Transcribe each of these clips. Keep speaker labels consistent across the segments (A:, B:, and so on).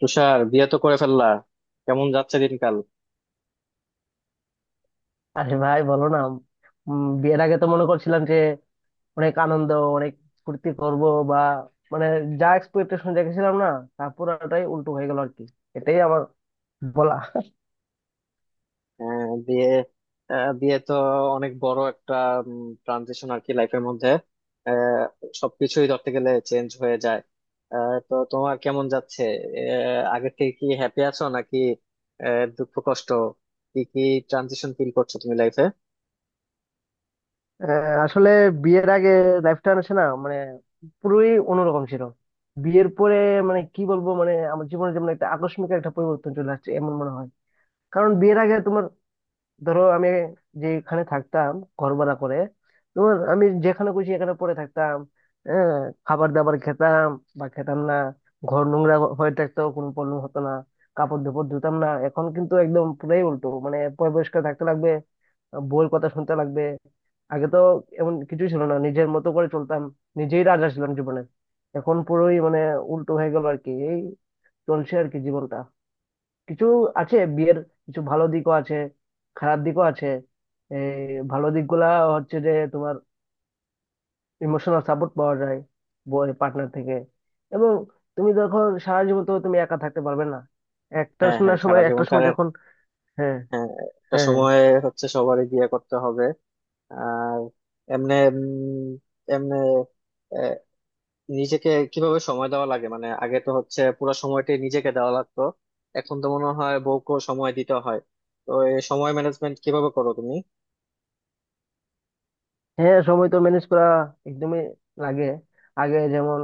A: তুষার, বিয়ে তো করে ফেললা। কেমন যাচ্ছে দিনকাল?
B: আরে ভাই বলো না। বিয়ের আগে তো মনে করছিলাম যে অনেক আনন্দ, অনেক ফুর্তি করব বা মানে যা এক্সপেকটেশন রেখেছিলাম না, তা পুরাটাই উল্টো হয়ে গেল আর কি। এটাই আমার বলা।
A: আহ, বিয়ে বিয়ে তো অনেক বড় একটা ট্রানজিশন আর কি লাইফের মধ্যে। আহ, সবকিছুই ধরতে গেলে চেঞ্জ হয়ে যায়। তো তোমার কেমন যাচ্ছে? আগের থেকে কি হ্যাপি আছো নাকি? দুঃখ কষ্ট কি কি ট্রানজিশন ফিল করছো তুমি লাইফে?
B: আহ, আসলে বিয়ের আগে লাইফটা আছে না, মানে পুরোই অন্যরকম ছিল। বিয়ের পরে মানে কি বলবো, মানে আমার জীবনে যেমন একটা আকস্মিক একটা পরিবর্তন চলে আসছে এমন মনে হয়। কারণ বিয়ের আগে তোমার ধরো আমি যেখানে থাকতাম, ঘর ভাড়া করে তোমার, আমি যেখানে খুশি এখানে পড়ে থাকতাম, হ্যাঁ, খাবার দাবার খেতাম বা খেতাম না, ঘর নোংরা হয়ে থাকতো, কোনো প্রবলেম হতো না, কাপড় ধোপড় ধুতাম না। এখন কিন্তু একদম পুরাই উল্টো, মানে পরিষ্কার থাকতে লাগবে, বউয়ের কথা শুনতে লাগবে। আগে তো এমন কিছুই ছিল না, নিজের মতো করে চলতাম, নিজেই রাজা ছিলাম জীবনে। এখন পুরোই মানে উল্টো হয়ে গেল আর কি, এই চলছে আর কি জীবনটা। কিছু আছে বিয়ের, কিছু ভালো দিকও আছে, খারাপ দিকও আছে। এই ভালো দিকগুলা হচ্ছে যে তোমার ইমোশনাল সাপোর্ট পাওয়া যায় পার্টনার থেকে, এবং তুমি যখন সারা জীবন তো তুমি একা থাকতে পারবে না, একটা
A: হ্যাঁ,
B: না
A: হ্যাঁ, সারা
B: সময়, একটা
A: জীবন তার।
B: সময় যখন। হ্যাঁ
A: হ্যাঁ। একটা
B: হ্যাঁ হ্যাঁ।
A: সময় হচ্ছে সবারই বিয়ে করতে হবে। আর এমনি এমনি নিজেকে কিভাবে সময় দেওয়া লাগে, মানে আগে তো হচ্ছে পুরো সময়টাই নিজেকে দেওয়া লাগতো। এখন তো মনে হয় বউকেও সময় দিতে হয়। তো এই সময় ম্যানেজমেন্ট কিভাবে করো তুমি?
B: হ্যাঁ, সময় তো ম্যানেজ করা একদমই লাগে। আগে যেমন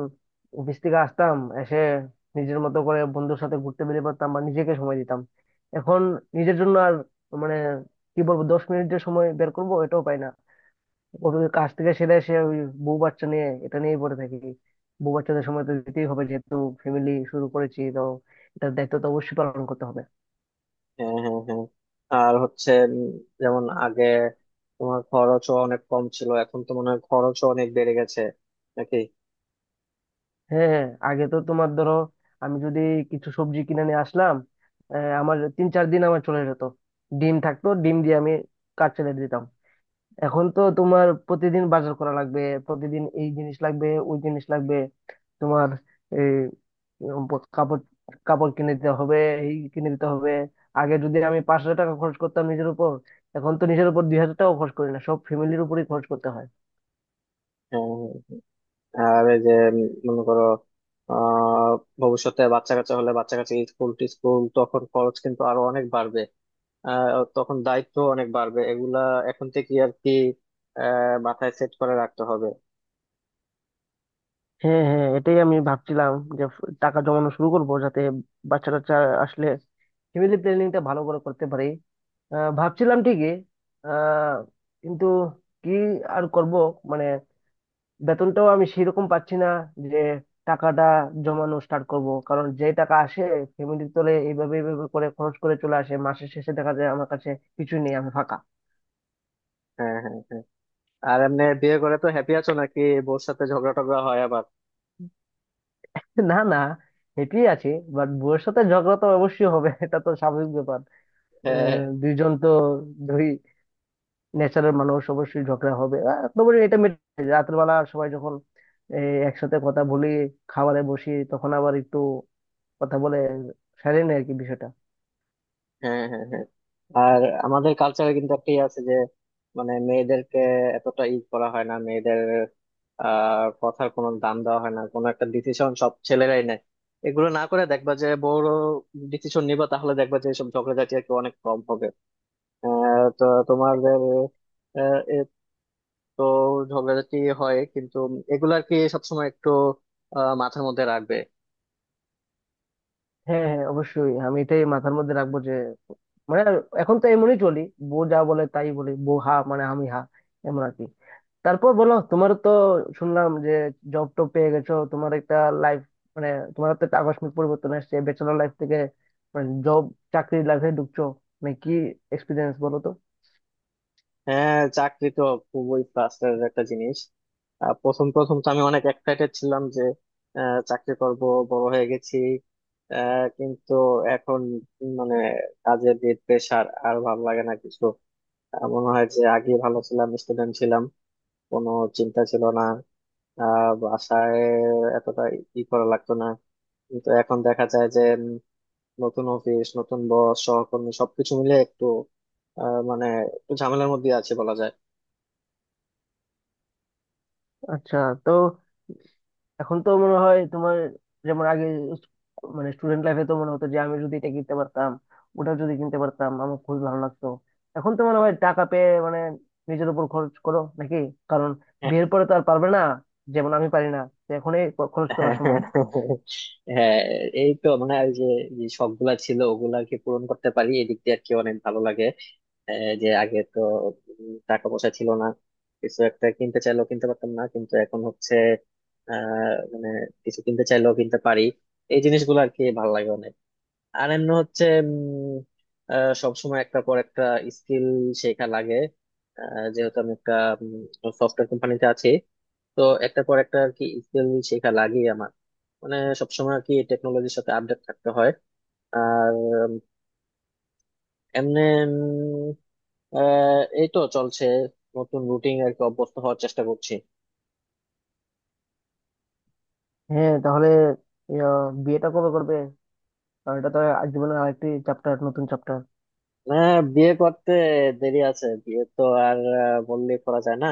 B: অফিস থেকে আসতাম, এসে নিজের মতো করে বন্ধুর সাথে ঘুরতে বেরিয়ে পড়তাম বা নিজেকে সময় দিতাম। এখন নিজের জন্য আর মানে কি বলবো, 10 মিনিটের সময় বের করবো এটাও পাই না। ওই কাজ থেকে সেরে এসে ওই বউ বাচ্চা নিয়ে এটা নিয়েই পড়ে থাকি। বউ বাচ্চাদের সময় তো দিতেই হবে, যেহেতু ফ্যামিলি শুরু করেছি তো, এটার দায়িত্ব তো অবশ্যই পালন করতে হবে।
A: হ্যাঁ, হ্যাঁ, হ্যাঁ। আর হচ্ছে যেমন আগে তোমার খরচও অনেক কম ছিল, এখন তো মনে হয় খরচও অনেক বেড়ে গেছে নাকি?
B: হ্যাঁ হ্যাঁ, আগে তো তোমার ধরো আমি যদি কিছু সবজি কিনে নিয়ে আসলাম, আমার তিন চার দিন আমার চলে যেত, ডিম থাকতো, ডিম দিয়ে আমি কাজ চালিয়ে দিতাম। এখন তো তোমার প্রতিদিন বাজার করা লাগবে, প্রতিদিন এই জিনিস লাগবে, ওই জিনিস লাগবে, তোমার এই কাপড়, কাপড় কিনে দিতে হবে, এই কিনে দিতে হবে। আগে যদি আমি 5,000 টাকা খরচ করতাম নিজের উপর, এখন তো নিজের উপর 2,000 টাকা খরচ করি না, সব ফ্যামিলির উপরেই খরচ করতে হয়।
A: হ্যাঁ, হ্যাঁ। হ্যাঁ। আর এই যে মনে করো, আহ ভবিষ্যতে বাচ্চা কাচ্চা হলে, বাচ্চা কাচ্চা স্কুল টিস্কুল, তখন খরচ কিন্তু আরো অনেক বাড়বে। তখন দায়িত্ব অনেক বাড়বে, এগুলা এখন থেকে আর কি মাথায় সেট করে রাখতে হবে।
B: হ্যাঁ হ্যাঁ, এটাই আমি ভাবছিলাম যে টাকা জমানো শুরু করব, যাতে বাচ্চা টাচ্চা আসলে ফ্যামিলি প্ল্যানিংটা ভালো করে করতে পারি। ভাবছিলাম ঠিকই, আহ, কিন্তু কি আর করব, মানে বেতনটাও আমি সেরকম পাচ্ছি না যে টাকাটা জমানো স্টার্ট করব, কারণ যে টাকা আসে ফ্যামিলির তলে এইভাবে এইভাবে করে খরচ করে চলে আসে, মাসের শেষে দেখা যায় আমার কাছে কিছুই নেই, আমি ফাঁকা।
A: হ্যাঁ, হ্যাঁ, হ্যাঁ। আর এমনি বিয়ে করে তো হ্যাপি আছো নাকি? বউর সাথে ঝগড়া টগড়া হয় আবার?
B: না না, হেঁটেই আছি। বাট বউয়ের সাথে ঝগড়া তো অবশ্যই হবে, এটা তো স্বাভাবিক ব্যাপার।
A: হ্যাঁ,
B: দুইজন তো ধরি ন্যাচারাল মানুষ, অবশ্যই ঝগড়া হবে। তারপরে এটা মেটে যায়। রাতের বেলা সবাই যখন একসাথে কথা বলি, খাবারে বসি, তখন আবার একটু কথা বলে সারিয়ে নেয় আর কি বিষয়টা।
A: হ্যাঁ, হ্যাঁ, হ্যাঁ। আর আমাদের কালচারে কিন্তু একটা ইয়ে আছে যে, মানে মেয়েদেরকে এতটা ই করা হয় না, মেয়েদের কথার কোনো দাম দেওয়া হয় না, কোনো একটা ডিসিশন সব ছেলেরাই নেয়। এগুলো না করে দেখবা যে বড় ডিসিশন নিবা, তাহলে দেখবা যে সব ঝগড়াঝাটি আর কি অনেক কম হবে। তো তোমাদের আহ, এ তো ঝগড়াঝাটি হয়, কিন্তু এগুলো আর কি সবসময় একটু মাথার মধ্যে রাখবে।
B: হ্যাঁ হ্যাঁ, অবশ্যই আমি এটাই মাথার মধ্যে রাখবো যে মানে এখন তো এমনই চলি, বউ যা বলে তাই বলি, বউ হা মানে আমি হা, এমন আর কি। তারপর বলো, তোমার তো শুনলাম যে জব টব পেয়ে গেছো, তোমার একটা লাইফ মানে তোমার তো একটা আকস্মিক পরিবর্তন আসছে, ব্যাচেলর লাইফ থেকে মানে জব, চাকরির লাইফে ঢুকছো, মানে কি এক্সপিরিয়েন্স বলো তো।
A: হ্যাঁ, চাকরি তো খুবই প্লাস্টারের একটা জিনিস। প্রথম প্রথম তো আমি অনেক এক্সাইটেড ছিলাম যে চাকরি করব, বড় হয়ে গেছি। কিন্তু এখন মানে কাজের যে প্রেশার আর ভালো লাগে না কিছু। মনে হয় যে আগে ভালো ছিলাম, স্টুডেন্ট ছিলাম, কোনো চিন্তা ছিল না, বাসায় এতটা ই করা লাগতো না। কিন্তু এখন দেখা যায় যে নতুন অফিস, নতুন বস, সহকর্মী সবকিছু মিলে একটু মানে একটু ঝামেলার মধ্যে আছে বলা যায়।
B: আচ্ছা, তো এখন তো মনে হয় তোমার যেমন আগে স- মানে স্টুডেন্ট লাইফে তো মনে হতো যে আমি যদি এটা কিনতে পারতাম, ওটা যদি কিনতে পারতাম আমার খুবই ভালো লাগতো। এখন তো মনে হয় টাকা পেয়ে মানে নিজের উপর খরচ করো নাকি? কারণ
A: হ্যাঁ,
B: বিয়ের পরে তো আর পারবে না, যেমন আমি পারি না, তো এখনই খরচ করার
A: হ্যাঁ।
B: সময়।
A: হ্যাঁ, এই তো মানে এই যে যে শখগুলা ছিল ওগুলাকে পূরণ করতে পারি এদিক দিয়ে আর কি অনেক ভালো লাগে। যে আগে তো টাকা পয়সা ছিল না, কিছু একটা কিনতে চাইলেও কিনতে পারতাম না, কিন্তু এখন হচ্ছে মানে কিছু কিনতে চাইলেও কিনতে পারি, এই জিনিসগুলো আর কি ভালো লাগে অনেক। আর এমনি হচ্ছে সবসময় একটা পর একটা স্কিল শেখা লাগে। যেহেতু আমি একটা সফটওয়্যার কোম্পানিতে আছি, তো একটা পর একটা আর কি স্কিল শেখা লাগে আমার, মানে সবসময় আর কি টেকনোলজির সাথে আপডেট থাকতে হয়। আর এমনি উম, এই তো চলছে, নতুন রুটিন আর কি অভ্যস্ত হওয়ার চেষ্টা করছি।
B: হ্যাঁ তাহলে, ইয়া, বিয়েটা কবে করবে? কারণ এটা তো আর জীবনের আরেকটি চ্যাপ্টার, নতুন চ্যাপ্টার।
A: না, বিয়ে করতে দেরি আছে। বিয়ে তো আর বললে করা যায় না।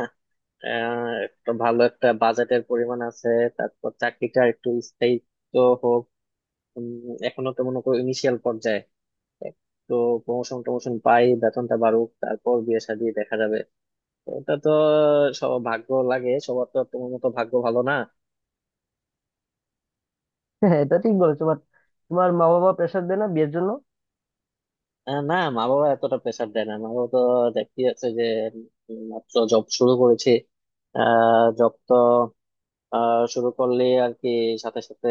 A: আহ একটা ভালো একটা বাজেটের পরিমাণ আছে, তারপর চাকরিটা একটু স্থায়িত্ব হোক। উম, এখনো তো মনে করো ইনিশিয়াল পর্যায়ে, তো প্রমোশন টমোশন পাই, বেতনটা বাড়ুক, তারপর বিয়ে শাদী দেখা যাবে। তো ওটা তো সব ভাগ্য লাগে, সবার তো আর তোমার মতো ভাগ্য ভালো না।
B: হ্যাঁ হ্যাঁ, এটা ঠিক বলেছো, বাট তোমার মা বাবা প্রেশার দেয় না বিয়ের জন্য?
A: না, মা বাবা এতটা প্রেসার দেয় না। মা বাবা তো দেখতে যাচ্ছে যে মাত্র জব শুরু করেছি। আহ জব তো আহ শুরু করলে আর কি সাথে সাথে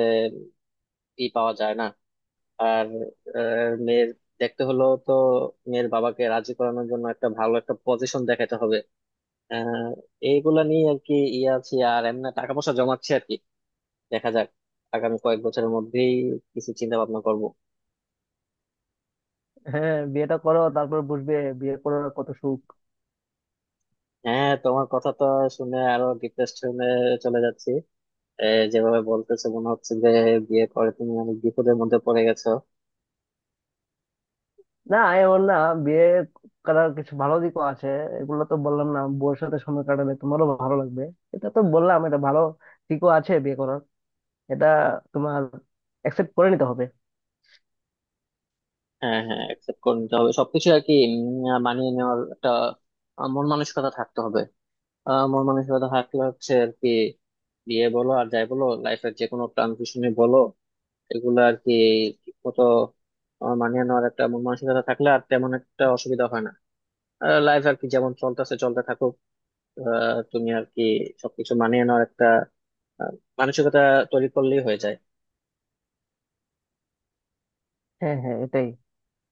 A: ই পাওয়া যায় না। আর মেয়ের দেখতে হলো তো, মেয়ের বাবাকে রাজি করানোর জন্য একটা ভালো একটা পজিশন দেখাতে হবে। আহ এইগুলা নিয়ে আর কি ইয়ে আছি, আর এমনি টাকা পয়সা জমাচ্ছি আর কি। দেখা যাক আগামী কয়েক বছরের মধ্যেই কিছু চিন্তা ভাবনা করবো।
B: হ্যাঁ, বিয়েটা করো, তারপর বুঝবে বিয়ের পর কত সুখ।
A: হ্যাঁ, তোমার কথা তো শুনে আরো ডিপ্রেশনে চলে যাচ্ছি। এ, যেভাবে বলতেছে মনে হচ্ছে যে বিয়ে করে তুমি অনেক বিপদের মধ্যে পড়ে গেছো।
B: না আমি বললাম, বিয়ে করার কিছু ভালো দিকও আছে, এগুলো তো বললাম না, বউয়ের সাথে সময় কাটালে তোমারও ভালো লাগবে, এটা তো বললাম, এটা ভালো দিকও আছে বিয়ে করার, এটা তোমার অ্যাকসেপ্ট করে নিতে হবে।
A: হ্যাঁ, হ্যাঁ, অ্যাকসেপ্ট করে নিতে হবে সবকিছু আর কি মানিয়ে নেওয়ার একটা মন মানসিকতা থাকতে হবে। আমার মানসিকতা থাকলে হচ্ছে আর কি বিয়ে বলো আর যাই বলো লাইফের যে কোনো ট্রানজিশনে বলো, এগুলো আর কি ঠিক মতো আমার মানিয়ে নেওয়ার একটা মন মানসিকতা থাকলে আর তেমন একটা অসুবিধা হয় না। লাইফ আর কি যেমন চলতেছে চলতে থাকুক। তুমি আর কি সবকিছু মানিয়ে নেওয়ার একটা আহ, মানসিকতা তৈরি করলেই হয়ে যায়।
B: হ্যাঁ হ্যাঁ, এটাই,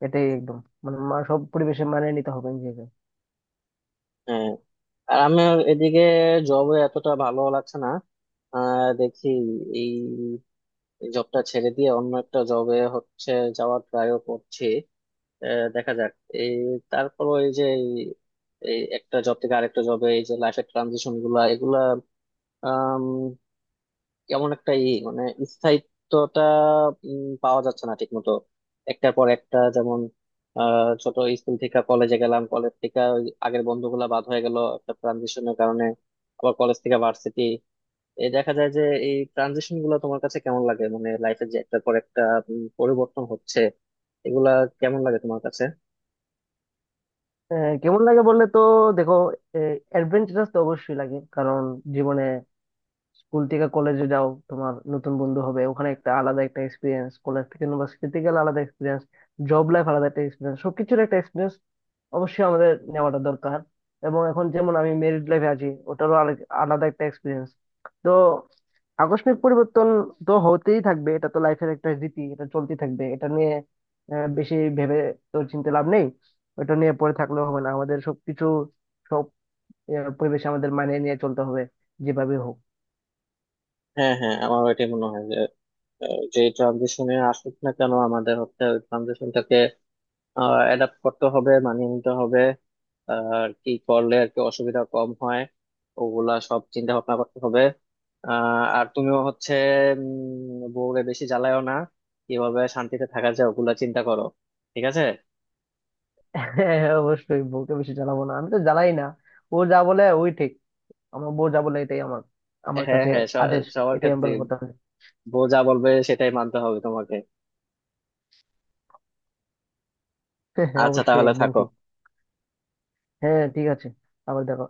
B: এটাই একদম মানে সব পরিবেশে মানিয়ে নিতে হবে নিজেকে।
A: হ্যাঁ, আর আমার এদিকে জবে এতটা ভালো লাগছে না। দেখি এই জবটা ছেড়ে দিয়ে অন্য একটা জবে হচ্ছে যাওয়ার ট্রাইও করছি। দেখা যাক। এই তারপর ওই যে এই এই একটা জব থেকে আরেকটা জবে এই যে লাইফের ট্রানজিশন গুলা, এগুলা আম, কেমন একটা ই মানে স্থায়িত্বটা পাওয়া যাচ্ছে না ঠিক মতো। একটার পর একটা, যেমন ছোট স্কুল থেকে কলেজে গেলাম, কলেজ থেকে ওই আগের বন্ধুগুলা বাদ হয়ে গেল একটা ট্রানজিশনের কারণে, আবার কলেজ থেকে ভার্সিটি। এই দেখা যায় যে এই ট্রানজিশন গুলো তোমার কাছে কেমন লাগে, মানে লাইফের যে একটার পর একটা পরিবর্তন হচ্ছে, এগুলা কেমন লাগে তোমার কাছে?
B: কেমন লাগে বললে তো দেখো, অ্যাডভেঞ্চারাস তো অবশ্যই লাগে, কারণ জীবনে স্কুল থেকে কলেজে যাও, তোমার নতুন বন্ধু হবে ওখানে, একটা আলাদা একটা এক্সপিরিয়েন্স, কলেজ থেকে ইউনিভার্সিটিতে গেলে আলাদা এক্সপিরিয়েন্স, জব লাইফ আলাদা একটা এক্সপিরিয়েন্স, সবকিছুর একটা এক্সপিরিয়েন্স অবশ্যই আমাদের নেওয়াটা দরকার। এবং এখন যেমন আমি মেরিড লাইফে আছি, ওটারও আলাদা একটা এক্সপিরিয়েন্স। তো আকস্মিক পরিবর্তন তো হতেই থাকবে, এটা তো লাইফের একটা রীতি, এটা চলতেই থাকবে, এটা নিয়ে বেশি ভেবে তো চিন্তা লাভ নেই। ওটা নিয়ে পড়ে থাকলেও হবে না, আমাদের সবকিছু, সব পরিবেশে আমাদের মানিয়ে নিয়ে চলতে হবে যেভাবে হোক।
A: হ্যাঁ, হ্যাঁ, আমারও এটাই মনে হয় যে যে ট্রানজিশনে আসুক না কেন আমাদের হচ্ছে ট্রানজিশনটাকে অ্যাডাপ্ট করতে হবে, মানিয়ে নিতে হবে। আর কি করলে আর কি অসুবিধা কম হয়, ওগুলা সব চিন্তা ভাবনা করতে হবে। আর তুমিও হচ্ছে বউরে বেশি জ্বালায়ও না, কিভাবে শান্তিতে থাকা যায় ওগুলা চিন্তা করো, ঠিক আছে?
B: হ্যাঁ হ্যাঁ, অবশ্যই বউকে বেশি জ্বালাবো না, আমি তো জ্বালাই না, ও যা বলে ওই ঠিক, আমার বউ যা বলে এটাই আমার, আমার
A: হ্যাঁ,
B: কাছে
A: হ্যাঁ,
B: আদেশ,
A: সবার
B: এটাই
A: ক্ষেত্রে
B: আমার কথা।
A: বউ যা বলবে সেটাই মানতে হবে তোমাকে।
B: হ্যাঁ হ্যাঁ,
A: আচ্ছা,
B: অবশ্যই
A: তাহলে
B: একদম
A: থাকো।
B: ঠিক। হ্যাঁ, ঠিক আছে, আবার দেখো।